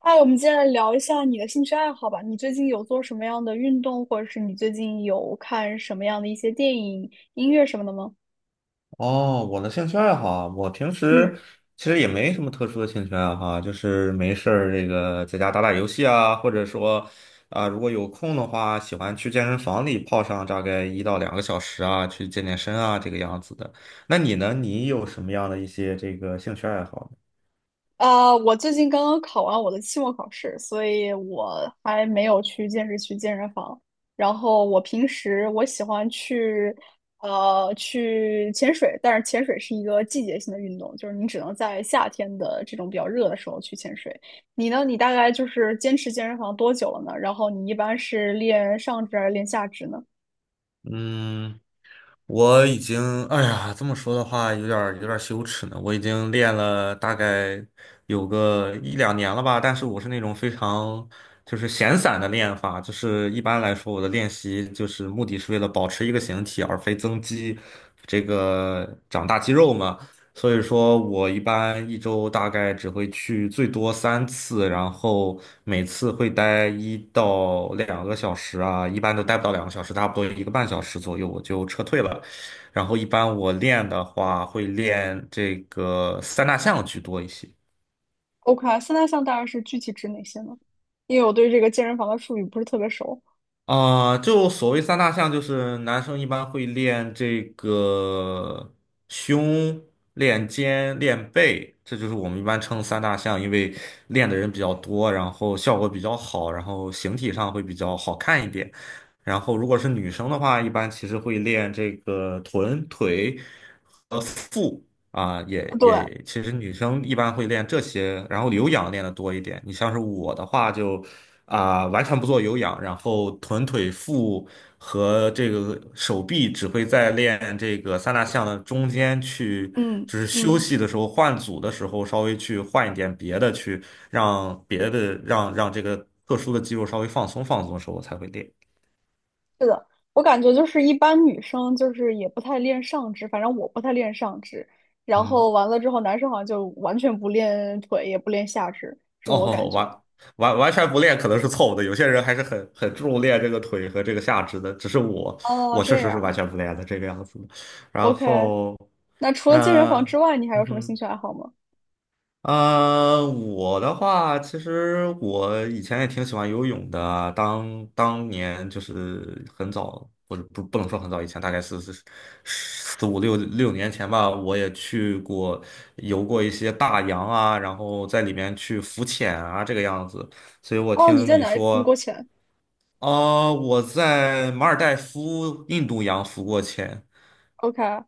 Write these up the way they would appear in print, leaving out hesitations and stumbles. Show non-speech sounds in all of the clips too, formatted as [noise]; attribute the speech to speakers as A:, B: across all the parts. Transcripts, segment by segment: A: 哎，我们接下来聊一下你的兴趣爱好吧。你最近有做什么样的运动，或者是你最近有看什么样的一些电影、音乐什么的吗？
B: 哦，我的兴趣爱好啊，我平
A: 嗯。
B: 时其实也没什么特殊的兴趣爱好啊，就是没事儿这个在家打打游戏啊，或者说啊，如果有空的话，喜欢去健身房里泡上大概一到两个小时啊，去健身啊，这个样子的。那你呢？你有什么样的一些这个兴趣爱好呢？
A: 啊，我最近刚刚考完我的期末考试，所以我还没有去健身房。然后我平时我喜欢去潜水，但是潜水是一个季节性的运动，就是你只能在夏天的这种比较热的时候去潜水。你呢？你大概就是坚持健身房多久了呢？然后你一般是练上肢还是练下肢呢
B: 嗯。我已经，哎呀，这么说的话，有点儿羞耻呢。我已经练了大概有个1两年了吧，但是我是那种非常就是闲散的练法。就是一般来说，我的练习就是目的是为了保持一个形体，而非增肌，这个长大肌肉嘛。所以说我一般一周大概只会去最多3次，然后每次会待一到两个小时啊，一般都待不到两个小时，差不多1个半小时左右我就撤退了。然后一般我练的话，会练这个三大项居多一些。
A: ？OK，三大项大概是具体指哪些呢？因为我对这个健身房的术语不是特别熟。
B: 就所谓三大项，就是男生一般会练这个胸、练肩、练背，这就是我们一般称三大项。因为练的人比较多，然后效果比较好，然后形体上会比较好看一点。然后如果是女生的话，一般其实会练这个臀、腿和腹啊，也
A: 对，
B: 也，其实女生一般会练这些，然后有氧练的多一点。你像是我的话就。完全不做有氧，然后臀腿腹和这个手臂只会在练这个三大项的中间去，
A: 嗯
B: 就是休
A: 嗯。
B: 息的时候换组的时候稍微去换一点别的，去让别的让让这个特殊的肌肉稍微放松的时候我才会练。
A: 是的，我感觉就是一般女生就是也不太练上肢，反正我不太练上肢。然
B: 嗯。
A: 后完了之后，男生好像就完全不练腿，也不练下肢，是我感
B: 哦，
A: 觉。
B: 完全不练可能是错误的，有些人还是很注重练这个腿和这个下肢的，只是我
A: 哦，
B: 我
A: 这
B: 确实是完
A: 样
B: 全不练的这个样子的。然
A: ，OK。
B: 后，
A: 那除了健身
B: 呃，
A: 房之外，你还
B: 嗯
A: 有什么兴
B: 哼。
A: 趣爱好吗？
B: 我的话，其实我以前也挺喜欢游泳的。当年就是很早，不能说很早以前，大概是四五六年前吧，我也去过游过一些大洋啊，然后在里面去浮潜啊，这个样子。所以我
A: 哦，你
B: 听
A: 在
B: 你
A: 哪里付过
B: 说，
A: 钱
B: 哦、我在马尔代夫印度洋浮过潜。
A: ？OK。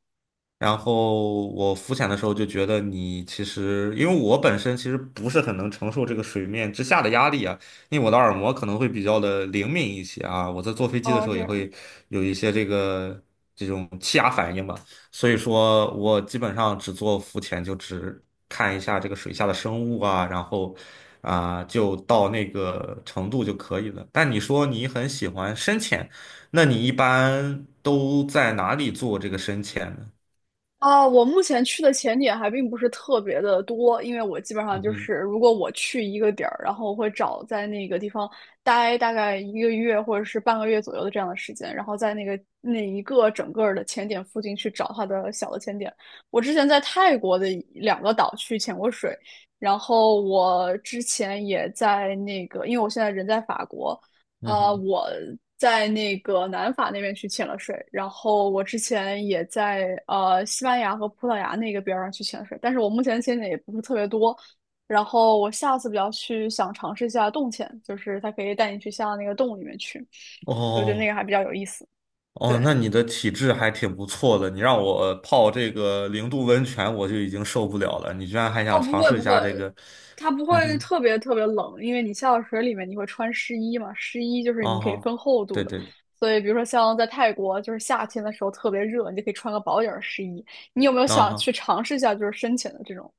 B: 然后我浮潜的时候就觉得你其实，因为我本身其实不是很能承受这个水面之下的压力啊，因为我的耳膜可能会比较的灵敏一些啊，我在坐飞机的
A: 哦，
B: 时候
A: 这
B: 也
A: 样。
B: 会有一些这个这种气压反应吧，所以说我基本上只做浮潜，就只看一下这个水下的生物啊，然后就到那个程度就可以了。但你说你很喜欢深潜，那你一般都在哪里做这个深潜呢？
A: 啊，我目前去的潜点还并不是特别的多，因为我基本上
B: 嗯
A: 就
B: 哼。
A: 是，如果我去一个点儿，然后我会找在那个地方待大概一个月或者是半个月左右的这样的时间，然后在那个那一个整个儿的潜点附近去找它的小的潜点。我之前在泰国的一两个岛去潜过水，然后我之前也在那个，因为我现在人在法国。
B: 嗯哼。
A: 我在那个南法那边去潜了水，然后我之前也在西班牙和葡萄牙那个边儿上去潜水，但是我目前潜的也不是特别多。然后我下次比较去想尝试一下洞潜，就是它可以带你去下到那个洞里面去，我觉得那个
B: 哦
A: 还比较有意思。
B: 哦，
A: 对，
B: 那你的体质还挺不错的。你让我泡这个0度温泉，我就已经受不了了，你居然还想
A: 哦，不
B: 尝
A: 会
B: 试一
A: 不会，
B: 下这个？
A: 它不
B: 嗯
A: 会
B: 哼。
A: 特别特别冷，因为你下到水里面你会穿湿衣嘛，湿衣就是
B: 啊
A: 你可以
B: 哦。
A: 分厚度
B: 对
A: 的，
B: 对。
A: 所以比如说像在泰国，就是夏天的时候特别热，你就可以穿个薄点儿湿衣。你有没有
B: 啊
A: 想去
B: 哈。
A: 尝试一下就是深潜的这种？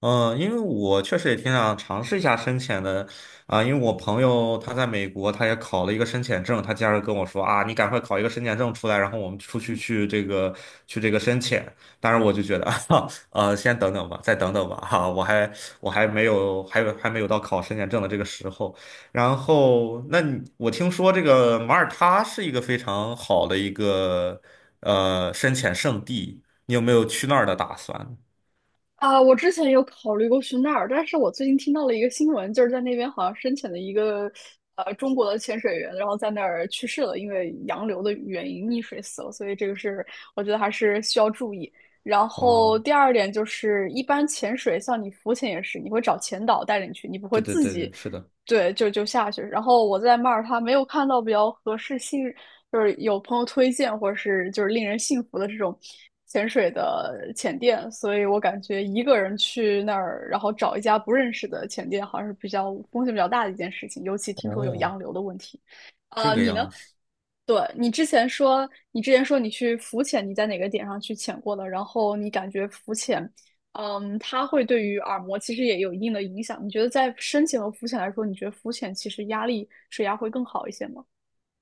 B: 嗯，因为我确实也挺想尝试一下深潜的啊。因为我朋友他在美国，他也考了一个深潜证，他经常跟我说啊，你赶快考一个深潜证出来，然后我们出去去这个深潜。当然，我就觉得 [laughs] 先等等吧，再等等吧。我还没有到考深潜证的这个时候。然后，那你我听说这个马耳他是一个非常好的一个深潜圣地，你有没有去那儿的打算？
A: 啊，我之前有考虑过去那儿，但是我最近听到了一个新闻，就是在那边好像深潜的一个中国的潜水员，然后在那儿去世了，因为洋流的原因溺水死了，所以这个是我觉得还是需要注意。然后
B: 哦。
A: 第二点就是，一般潜水像你浮潜也是，你会找潜导带着你去，你不会
B: 对对
A: 自
B: 对
A: 己
B: 对，是的。
A: 对，就下去。然后我在马耳他没有看到比较合适信，就是有朋友推荐或者是就是令人信服的这种潜水的潜店，所以我感觉一个人去那儿，然后找一家不认识的潜店，好像是比较风险比较大的一件事情，尤其听说有
B: 哦，
A: 洋流的问题。
B: 这个
A: 你呢？
B: 样子。
A: 对，你之前说，你之前说你去浮潜，你在哪个点上去潜过的？然后你感觉浮潜它会对于耳膜其实也有一定的影响。你觉得在深潜和浮潜来说，你觉得浮潜其实压力水压会更好一些吗？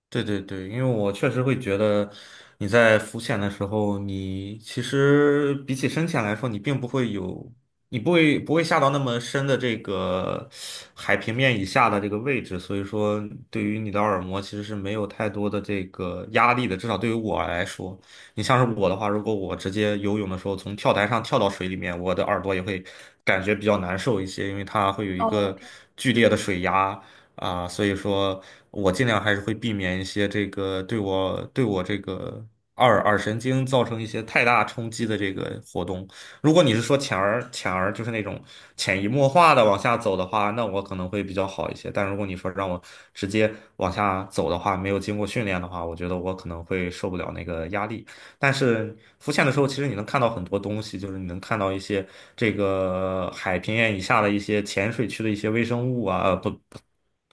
B: 对对对，因为我确实会觉得你在浮潜的时候，你其实比起深潜来说，你并不会有，你不会下到那么深的这个海平面以下的这个位置。所以说对于你的耳膜其实是没有太多的这个压力的，至少对于我来说，你像是我的话，如果我直接游泳的时候从跳台上跳到水里面，我的耳朵也会感觉比较难受一些，因为它会有一
A: 哦，
B: 个剧烈的水压。啊，所以说我尽量还是会避免一些这个对我这个二耳神经造成一些太大冲击的这个活动。如果你是说浅而浅而就是那种潜移默化的往下走的话，那我可能会比较好一些。但如果你说让我直接往下走的话，没有经过训练的话，我觉得我可能会受不了那个压力。但是浮潜的时候，其实你能看到很多东西，就是你能看到一些这个海平面以下的一些浅水区的一些微生物啊，呃，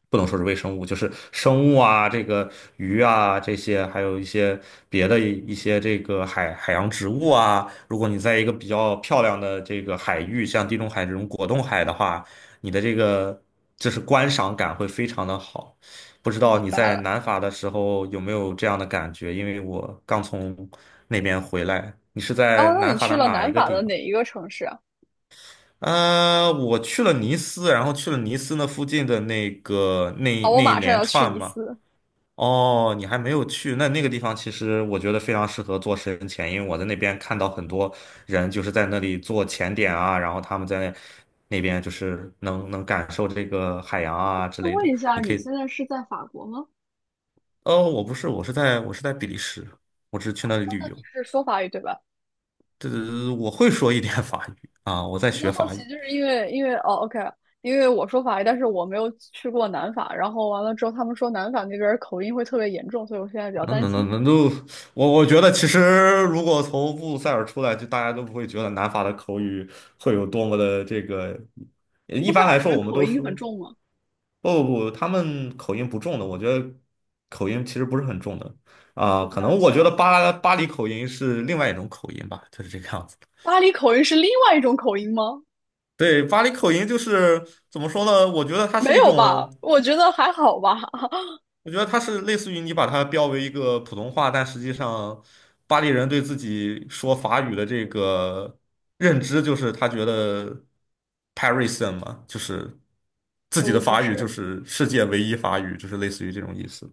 B: 不能说是微生物，就是生物啊，这个鱼啊这些，还有一些别的一些这个海洋植物啊。如果你在一个比较漂亮的这个海域，像地中海这种果冻海的话，你的这个就是观赏感会非常的好。不知
A: 这
B: 道
A: 明
B: 你
A: 白
B: 在
A: 了。
B: 南法的时候有没有这样的感觉？因为我刚从那边回来。你是在
A: 哦，那
B: 南
A: 你
B: 法
A: 去
B: 的
A: 了
B: 哪
A: 南
B: 一个
A: 法
B: 地
A: 的
B: 方？
A: 哪一个城市啊？
B: 我去了尼斯，然后去了尼斯那附近的那个
A: 哦，我
B: 那一
A: 马上
B: 连
A: 要去
B: 串
A: 尼
B: 嘛。
A: 斯。
B: 哦，你还没有去，那那个地方其实我觉得非常适合做深潜，因为我在那边看到很多人就是在那里做潜点啊，然后他们在那边就是能感受这个海洋啊之
A: 那
B: 类
A: 问
B: 的。
A: 一下，你现在是在法国吗？
B: 哦，我不是，我是在比利时，我只是去那里旅游。
A: 是说法语对吧？
B: 这我会说一点法语啊，我
A: 我
B: 在
A: 比较
B: 学
A: 好
B: 法
A: 奇，
B: 语。
A: 就是因为哦，OK,因为我说法语，但是我没有去过南法。然后完了之后，他们说南法那边儿口音会特别严重，所以我现在比较
B: 那
A: 担
B: 那那
A: 心。
B: 那都，我觉得其实如果从布鲁塞尔出来，就大家都不会觉得南法的口语会有多么的这个。
A: 乌
B: 一
A: 塞
B: 般
A: 尔
B: 来
A: 那
B: 说，
A: 边
B: 我们
A: 口
B: 都
A: 音很
B: 说
A: 重吗
B: 不，他们口音不重的。我觉得口音其实不是很重的啊。
A: ？OK,
B: 可能我觉得
A: 行。
B: 巴黎口音是另外一种口音吧，就是这个样子。
A: 巴黎口音是另外一种口音吗？
B: 对，巴黎口音就是怎么说呢？我觉得它是
A: 没
B: 一
A: 有吧？
B: 种。
A: 我觉得还好吧。[laughs]
B: 我觉得它是类似于你把它标为一个普通话，但实际上巴黎人对自己说法语的这个认知，就是他觉得 Parisian 嘛，就是自己的
A: 不
B: 法语就
A: 是，
B: 是世界唯一法语，就是类似于这种意思。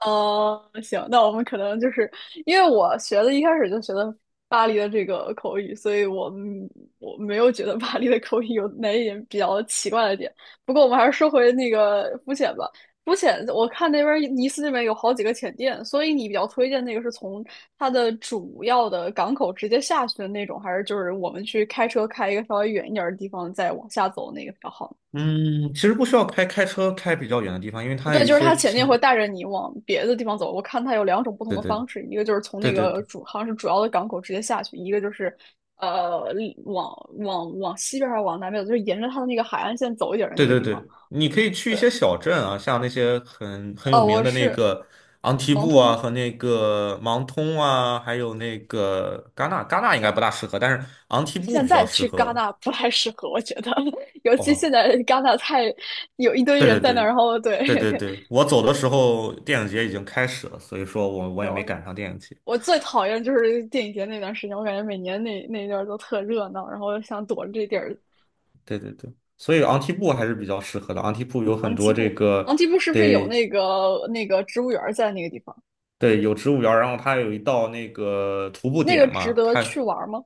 A: 哦，行，那我们可能就是因为我学的一开始就学的巴黎的这个口语，所以我没有觉得巴黎的口语有哪一点比较奇怪的点。不过我们还是说回那个浮潜吧。浮潜，我看那边儿尼斯那边有好几个浅店，所以你比较推荐那个是从它的主要的港口直接下去的那种，还是就是我们去开车开一个稍微远一点儿的地方再往下走那个比较好呢？
B: 嗯，其实不需要开车开比较远的地方，因为它
A: 对，
B: 有一
A: 就是
B: 些
A: 他前进
B: 天，
A: 会带着你往别的地方走。我看他有两种不同
B: 对
A: 的
B: 对
A: 方式，一个就是从那个
B: 对。
A: 主好像是主要的港口直接下去，一个就是呃往往西边还是往南边走，就是沿着他的那个海岸线走一点的那
B: 对
A: 个
B: 对
A: 地方。
B: 对，你可以去一些小镇啊，像那些很有
A: 哦，
B: 名
A: 我
B: 的那
A: 是
B: 个昂提
A: 盲
B: 布啊，
A: 通，
B: 和那个芒通啊，还有那个戛纳。戛纳应该不大适合，但是昂提布
A: 现
B: 比
A: 在
B: 较适
A: 去戛
B: 合。
A: 纳不太适合，我觉得，[laughs] 尤其
B: 哦，
A: 现在戛纳太有一堆
B: 对对
A: 人在那儿，
B: 对
A: 然后对，
B: 对，我走的时候电影节已经开始了，所以说我
A: [laughs]
B: 我也没
A: 我
B: 赶上电影节。
A: 我最讨厌就是电影节那段时间，我感觉每年那一段都特热闹，然后想躲着这地儿
B: 对对对，所以昂提布还是比较适合的。昂提布有很
A: 昂基
B: 多这
A: 布，
B: 个，
A: 昂基布是不是有
B: 对
A: 那个那个植物园在那个地方？
B: 对，有植物园儿。然后它有一道那个徒步
A: 那个
B: 点
A: 值
B: 嘛。
A: 得
B: 它
A: 去玩吗？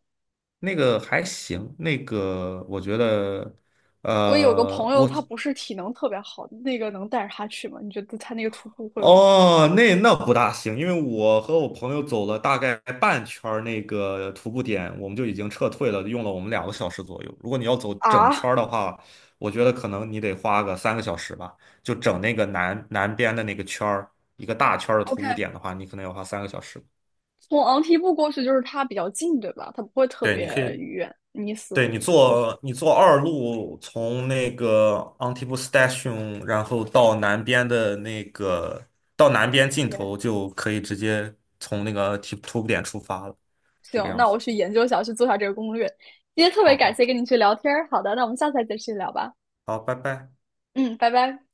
B: 那个还行，那个我觉得，
A: 我有个
B: 呃，
A: 朋友，
B: 我
A: 他不是体能特别好，那个能带着他去吗？你觉得他那个徒步会有
B: 哦，那那不大行，因为我和我朋友走了大概半圈儿那个徒步点，我们就已经撤退了，用了我们两个小时左右。如果你要走整圈
A: 啊
B: 儿的话，我觉得可能你得花个三个小时吧，就整那个南边的那个圈儿，一个大圈儿的徒步
A: ？OK,
B: 点的话，你可能要花三个小时。
A: 从昂基布过去就是它比较近，对吧？它不会特
B: 对，
A: 别
B: 你可以
A: 远，你死过去。
B: 你坐2路，从那个 Antibus Station，然后到南边的那个到南边尽
A: OK,
B: 头，就可以直接从那个提图布点出发了，这个
A: 行，
B: 样
A: 那
B: 子。
A: 我去研究一下，去做一下这个攻略。今天特别
B: 好
A: 感
B: 好
A: 谢跟你去聊天儿，好的，那我们下次再继续聊吧。
B: 好，拜拜。
A: 嗯，拜拜。